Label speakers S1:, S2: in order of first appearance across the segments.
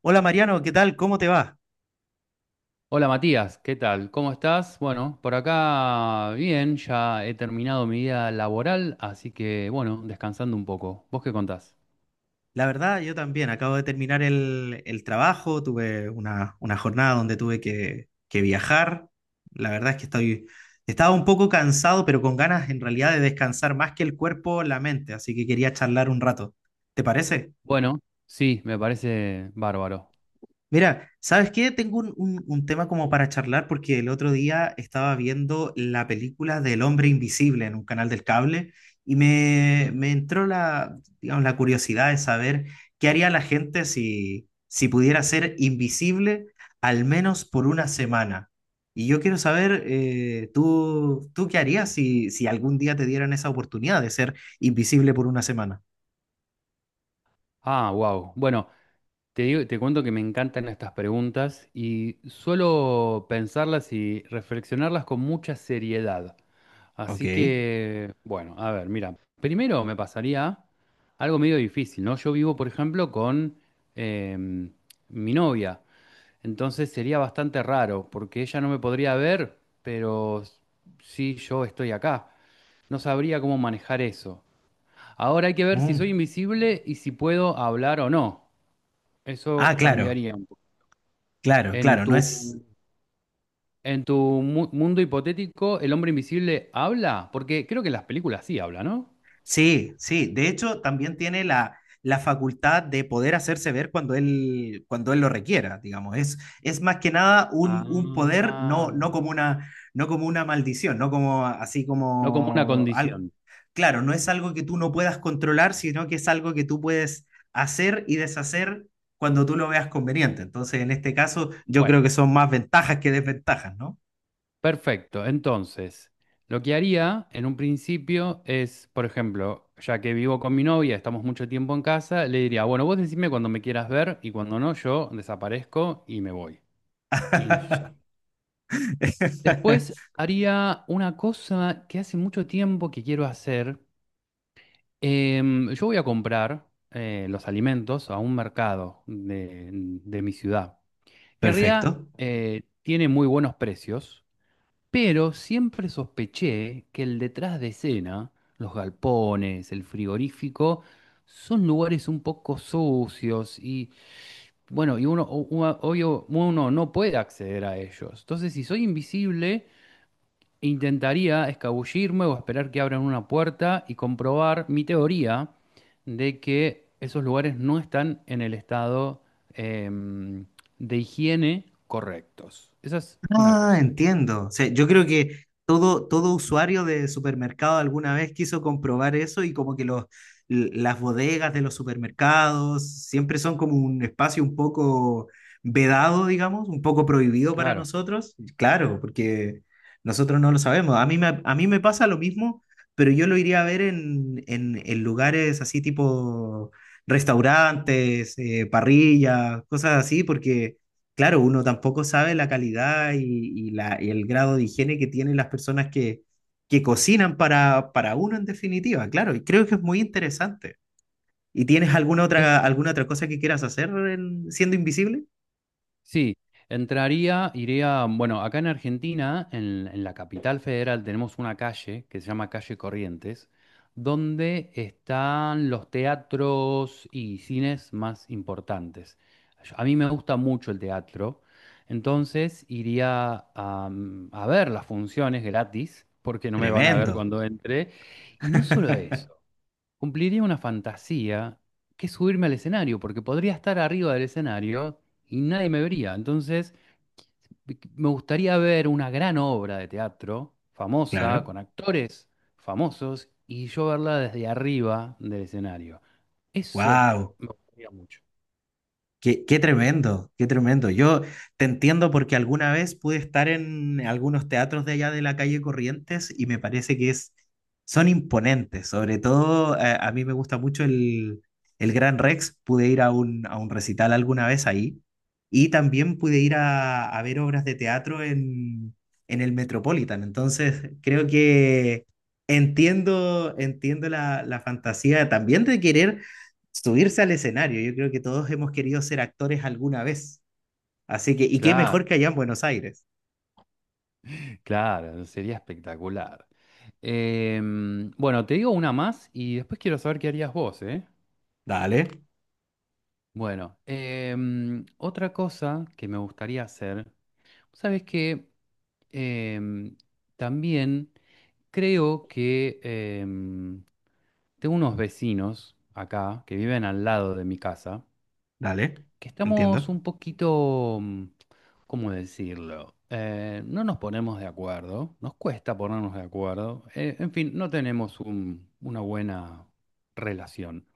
S1: Hola Mariano, ¿qué tal? ¿Cómo te va?
S2: Hola Matías, ¿qué tal? ¿Cómo estás? Bueno, por acá bien, ya he terminado mi día laboral, así que bueno, descansando un poco. ¿Vos qué contás?
S1: La verdad, yo también. Acabo de terminar el trabajo, tuve una jornada donde tuve que viajar. La verdad es que estaba un poco cansado, pero con ganas en realidad de descansar más que el cuerpo, la mente, así que quería charlar un rato. ¿Te parece?
S2: Bueno, sí, me parece bárbaro.
S1: Mira, ¿sabes qué? Tengo un tema como para charlar porque el otro día estaba viendo la película del Hombre Invisible en un canal del cable y me,
S2: Mm.
S1: me entró digamos, la curiosidad de saber qué haría la gente si pudiera ser invisible al menos por una semana. Y yo quiero saber, ¿tú qué harías si algún día te dieran esa oportunidad de ser invisible por una semana?
S2: Ah, wow. Bueno, te digo, te cuento que me encantan estas preguntas y suelo pensarlas y reflexionarlas con mucha seriedad.
S1: Ok.
S2: Así que, bueno, a ver, mira, primero me pasaría algo medio difícil, ¿no? Yo vivo, por ejemplo, con em, mi novia, entonces sería bastante raro, porque ella no me podría ver, pero sí yo estoy acá. No sabría cómo manejar eso. Ahora hay que ver si
S1: Mm.
S2: soy invisible y si puedo hablar o no.
S1: Ah,
S2: Eso
S1: claro,
S2: cambiaría un poco.
S1: claro,
S2: En
S1: claro.
S2: tu,
S1: No es,
S2: en tu mundo hipotético, ¿el hombre invisible habla? Porque creo que las películas sí hablan, ¿no?
S1: sí, sí. De hecho, también tiene la facultad de poder hacerse ver cuando él lo requiera, digamos. Es más que nada un poder,
S2: Ah,
S1: no, no como una, no como una maldición, no como así
S2: no como una
S1: como...
S2: condición.
S1: Claro, no es algo que tú no puedas controlar, sino que es algo que tú puedes hacer y deshacer cuando tú lo veas conveniente. Entonces, en este caso, yo creo
S2: Bueno,
S1: que son más ventajas que desventajas, ¿no?
S2: perfecto. Entonces, lo que haría en un principio es, por ejemplo, ya que vivo con mi novia, estamos mucho tiempo en casa, le diría, bueno, vos decime cuando me quieras ver y cuando no, yo desaparezco y me voy. Y ya. Después haría una cosa que hace mucho tiempo que quiero hacer. Yo voy a comprar los alimentos a un mercado de mi ciudad, que en realidad
S1: Perfecto.
S2: tiene muy buenos precios, pero siempre sospeché que el detrás de escena, los galpones, el frigorífico, son lugares un poco sucios y bueno, obvio, uno no puede acceder a ellos. Entonces, si soy invisible, intentaría escabullirme o esperar que abran una puerta y comprobar mi teoría de que esos lugares no están en el estado em, de higiene correctos. Esa es una
S1: Ah,
S2: cosa que,
S1: entiendo. O sea, yo creo que todo usuario de supermercado alguna vez quiso comprobar eso y como que las bodegas de los supermercados siempre son como un espacio un poco vedado, digamos, un poco prohibido para
S2: claro.
S1: nosotros. Claro, porque nosotros no lo sabemos. A mí me pasa lo mismo, pero yo lo iría a ver en lugares así tipo restaurantes, parrillas, cosas así, porque claro, uno tampoco sabe la calidad y el grado de higiene que tienen las personas que cocinan para uno en definitiva, claro, y creo que es muy interesante. ¿Y tienes alguna otra cosa que quieras hacer siendo invisible?
S2: Sí, entraría, iría, bueno, acá en Argentina, en la capital federal, tenemos una calle que se llama Calle Corrientes, donde están los teatros y cines más importantes. A mí me gusta mucho el teatro, entonces iría a ver las funciones gratis, porque no me van a ver
S1: Tremendo,
S2: cuando entre. Y no solo eso. Cumpliría una fantasía que es subirme al escenario, porque podría estar arriba del escenario y nadie me vería. Entonces, me gustaría ver una gran obra de teatro, famosa,
S1: claro.
S2: con actores famosos, y yo verla desde arriba del escenario. Eso
S1: Wow.
S2: me gustaría mucho.
S1: Qué tremendo, qué tremendo. Yo te entiendo porque alguna vez pude estar en algunos teatros de allá de la calle Corrientes y me parece que son imponentes. Sobre todo, a mí me gusta mucho el Gran Rex. Pude ir a un recital alguna vez ahí y también pude ir a ver obras de teatro en el Metropolitan. Entonces, creo que entiendo la fantasía también de querer subirse al escenario. Yo creo que todos hemos querido ser actores alguna vez. Así que, y qué
S2: Claro,
S1: mejor que allá en Buenos Aires.
S2: claro, sería espectacular. Bueno, te digo una más y después quiero saber qué harías vos, ¿eh?
S1: Dale,
S2: Bueno, otra cosa que me gustaría hacer. Sabes que em, también creo que em, tengo unos vecinos acá que viven al lado de mi casa,
S1: dale,
S2: que estamos
S1: entiendo.
S2: un poquito, ¿cómo decirlo? No nos ponemos de acuerdo, nos cuesta ponernos de acuerdo, en fin, no tenemos una buena relación.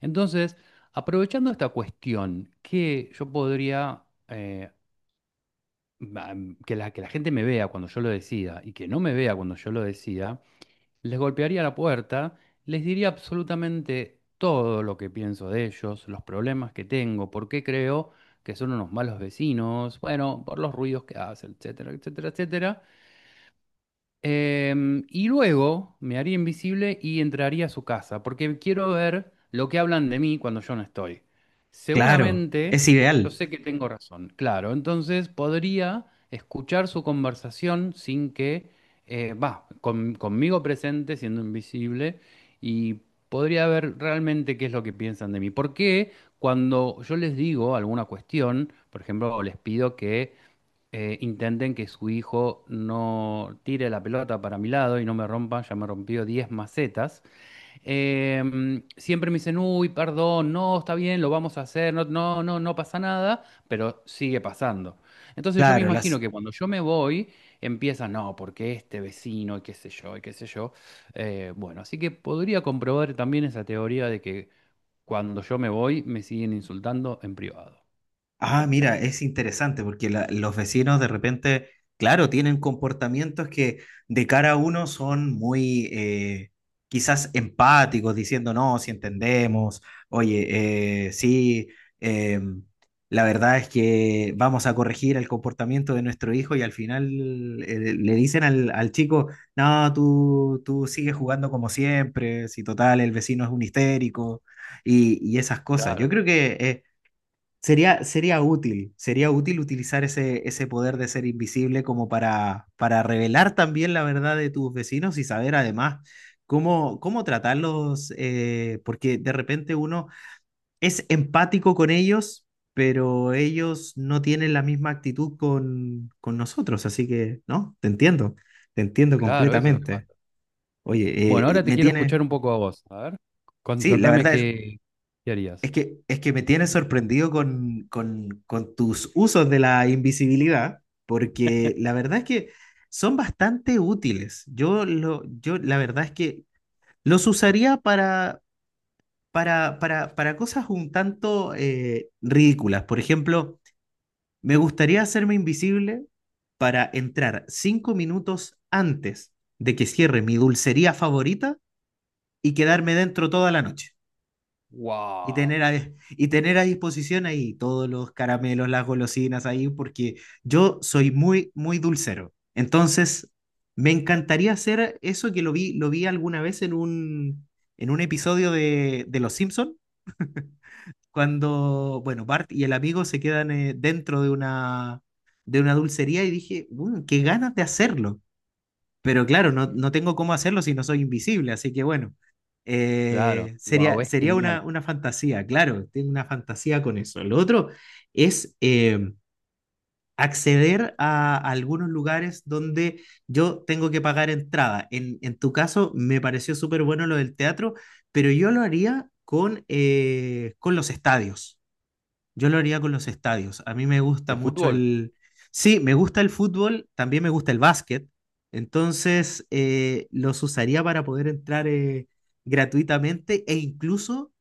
S2: Entonces, aprovechando esta cuestión que yo podría... ba- que la gente me vea cuando yo lo decida y que no me vea cuando yo lo decida, les golpearía la puerta, les diría absolutamente todo lo que pienso de ellos, los problemas que tengo, por qué creo que son unos malos vecinos, bueno, por los ruidos que hacen, etcétera, etcétera, etcétera. Y luego me haría invisible y entraría a su casa, porque quiero ver lo que hablan de mí cuando yo no estoy.
S1: Claro,
S2: Seguramente,
S1: es
S2: yo
S1: ideal.
S2: sé que tengo razón, claro, entonces podría escuchar su conversación sin que, conmigo presente, siendo invisible, y podría ver realmente qué es lo que piensan de mí. Porque cuando yo les digo alguna cuestión, por ejemplo, les pido que intenten que su hijo no tire la pelota para mi lado y no me rompa, ya me rompió 10 macetas. Eh, Siempre me dicen, uy, perdón, no, está bien, lo vamos a hacer, no, no, no, no pasa nada, pero sigue pasando. Entonces yo me
S1: Claro,
S2: imagino
S1: las,
S2: que cuando yo me voy, empieza, no, porque este vecino, y qué sé yo, y qué sé yo. Bueno, así que podría comprobar también esa teoría de que cuando yo me voy, me siguen insultando en privado.
S1: ah, mira, es interesante porque los vecinos de repente, claro, tienen comportamientos que de cara a uno son muy quizás empáticos, diciendo, no, si entendemos, oye, sí, eh, la verdad es que vamos a corregir el comportamiento de nuestro hijo y al final le dicen al chico, no, tú sigues jugando como siempre, si total, el vecino es un histérico y esas cosas.
S2: Claro,
S1: Yo creo que... sería, sería útil utilizar ese poder de ser invisible como para revelar también la verdad de tus vecinos y saber además cómo tratarlos, porque de repente uno es empático con ellos, pero ellos no tienen la misma actitud con nosotros, así que, ¿no? Te entiendo
S2: claro, eso es lo que
S1: completamente.
S2: pasa. Bueno,
S1: Oye,
S2: ahora te
S1: me
S2: quiero
S1: tiene,
S2: escuchar un poco a vos. A ver,
S1: sí, la
S2: contame
S1: verdad es,
S2: qué
S1: Es
S2: harías.
S1: que, es que me tienes sorprendido con tus usos de la invisibilidad, porque la verdad es que son bastante útiles. Yo la verdad es que los usaría para cosas un tanto ridículas. Por ejemplo, me gustaría hacerme invisible para entrar 5 minutos antes de que cierre mi dulcería favorita y quedarme dentro toda la noche. Y tener
S2: Wow.
S1: a, y tener a disposición ahí todos los caramelos, las golosinas ahí, porque yo soy muy dulcero. Entonces, me encantaría hacer eso que lo vi alguna vez en en un episodio de Los Simpson, cuando, bueno, Bart y el amigo se quedan dentro de de una dulcería y dije, "Mm, qué ganas de hacerlo. Pero claro, no, no tengo cómo hacerlo si no soy invisible, así que bueno,
S2: Claro, wow,
S1: sería,
S2: es
S1: sería
S2: genial.
S1: una fantasía, claro, tengo una fantasía con eso. Lo otro es acceder a, algunos lugares donde yo tengo que pagar entrada. En tu caso, me pareció súper bueno lo del teatro, pero yo lo haría con los estadios. Yo lo haría con los estadios. A mí me gusta
S2: ¿De
S1: mucho
S2: fútbol?
S1: el... Sí, me gusta el fútbol, también me gusta el básquet. Entonces, los usaría para poder entrar gratuitamente e incluso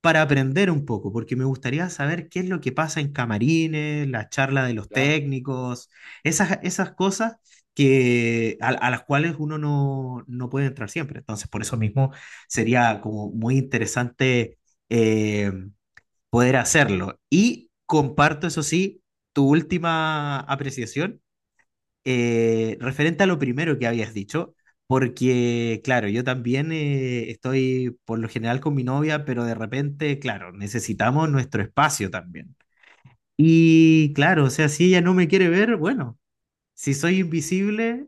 S1: para aprender un poco, porque me gustaría saber qué es lo que pasa en camarines, la charla de los
S2: Claro.
S1: técnicos, esas cosas a las cuales uno no puede entrar siempre. Entonces, por eso mismo sería como muy interesante. eh, Poder hacerlo. Y comparto, eso sí, tu última apreciación referente a lo primero que habías dicho, porque, claro, yo también estoy por lo general con mi novia, pero de repente, claro, necesitamos nuestro espacio también. Y claro, o sea, si ella no me quiere ver, bueno, si soy invisible,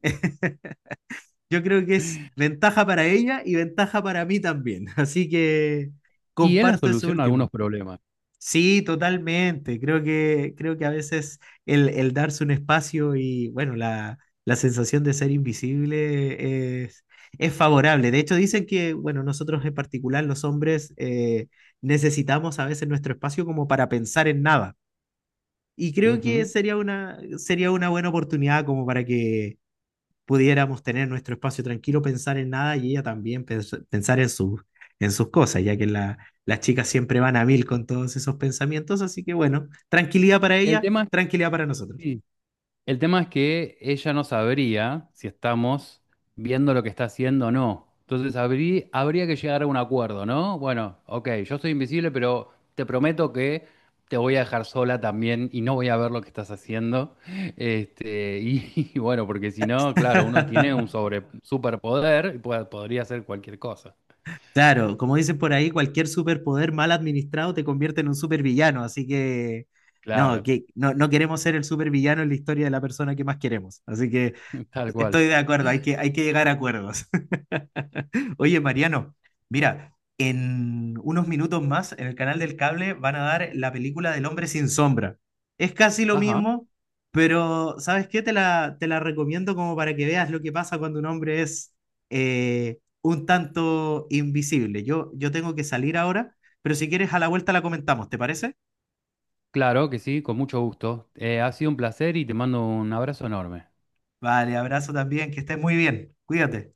S1: yo creo que es ventaja para ella y ventaja para mí también. Así que
S2: Y es la
S1: comparto eso
S2: solución a algunos
S1: último.
S2: problemas.
S1: Sí, totalmente. Creo que a veces el darse un espacio y, bueno, la sensación de ser invisible es favorable. De hecho, dicen que, bueno, nosotros en particular, los hombres, necesitamos a veces nuestro espacio como para pensar en nada. Y creo que
S2: Ujú.
S1: sería sería una buena oportunidad como para que pudiéramos tener nuestro espacio tranquilo, pensar en nada y ella también pensar en, su, en sus cosas, ya que las chicas siempre van a mil con todos esos pensamientos, así que bueno, tranquilidad para
S2: El
S1: ella,
S2: tema es,
S1: tranquilidad para nosotros.
S2: sí, el tema es que ella no sabría si estamos viendo lo que está haciendo o no. Entonces habría que llegar a un acuerdo, ¿no? Bueno, ok, yo soy invisible, pero te prometo que te voy a dejar sola también y no voy a ver lo que estás haciendo. Este, y, y bueno, porque si no, claro, uno tiene un superpoder y podría hacer cualquier cosa.
S1: Claro, como dicen por ahí, cualquier superpoder mal administrado te convierte en un supervillano, así
S2: Claro,
S1: Que no, no queremos ser el supervillano en la historia de la persona que más queremos. Así que
S2: tal cual.
S1: estoy de acuerdo, hay que llegar a acuerdos. Oye, Mariano, mira, en unos minutos más en el canal del cable van a dar la película del hombre sin sombra. Es casi lo
S2: Ajá,
S1: mismo, pero ¿sabes qué? Te la recomiendo como para que veas lo que pasa cuando un hombre es un tanto invisible. Yo tengo que salir ahora, pero si quieres a la vuelta la comentamos, ¿te parece?
S2: claro que sí, con mucho gusto. Ha sido un placer y te mando un abrazo enorme.
S1: Vale, abrazo también, que estés muy bien. Cuídate.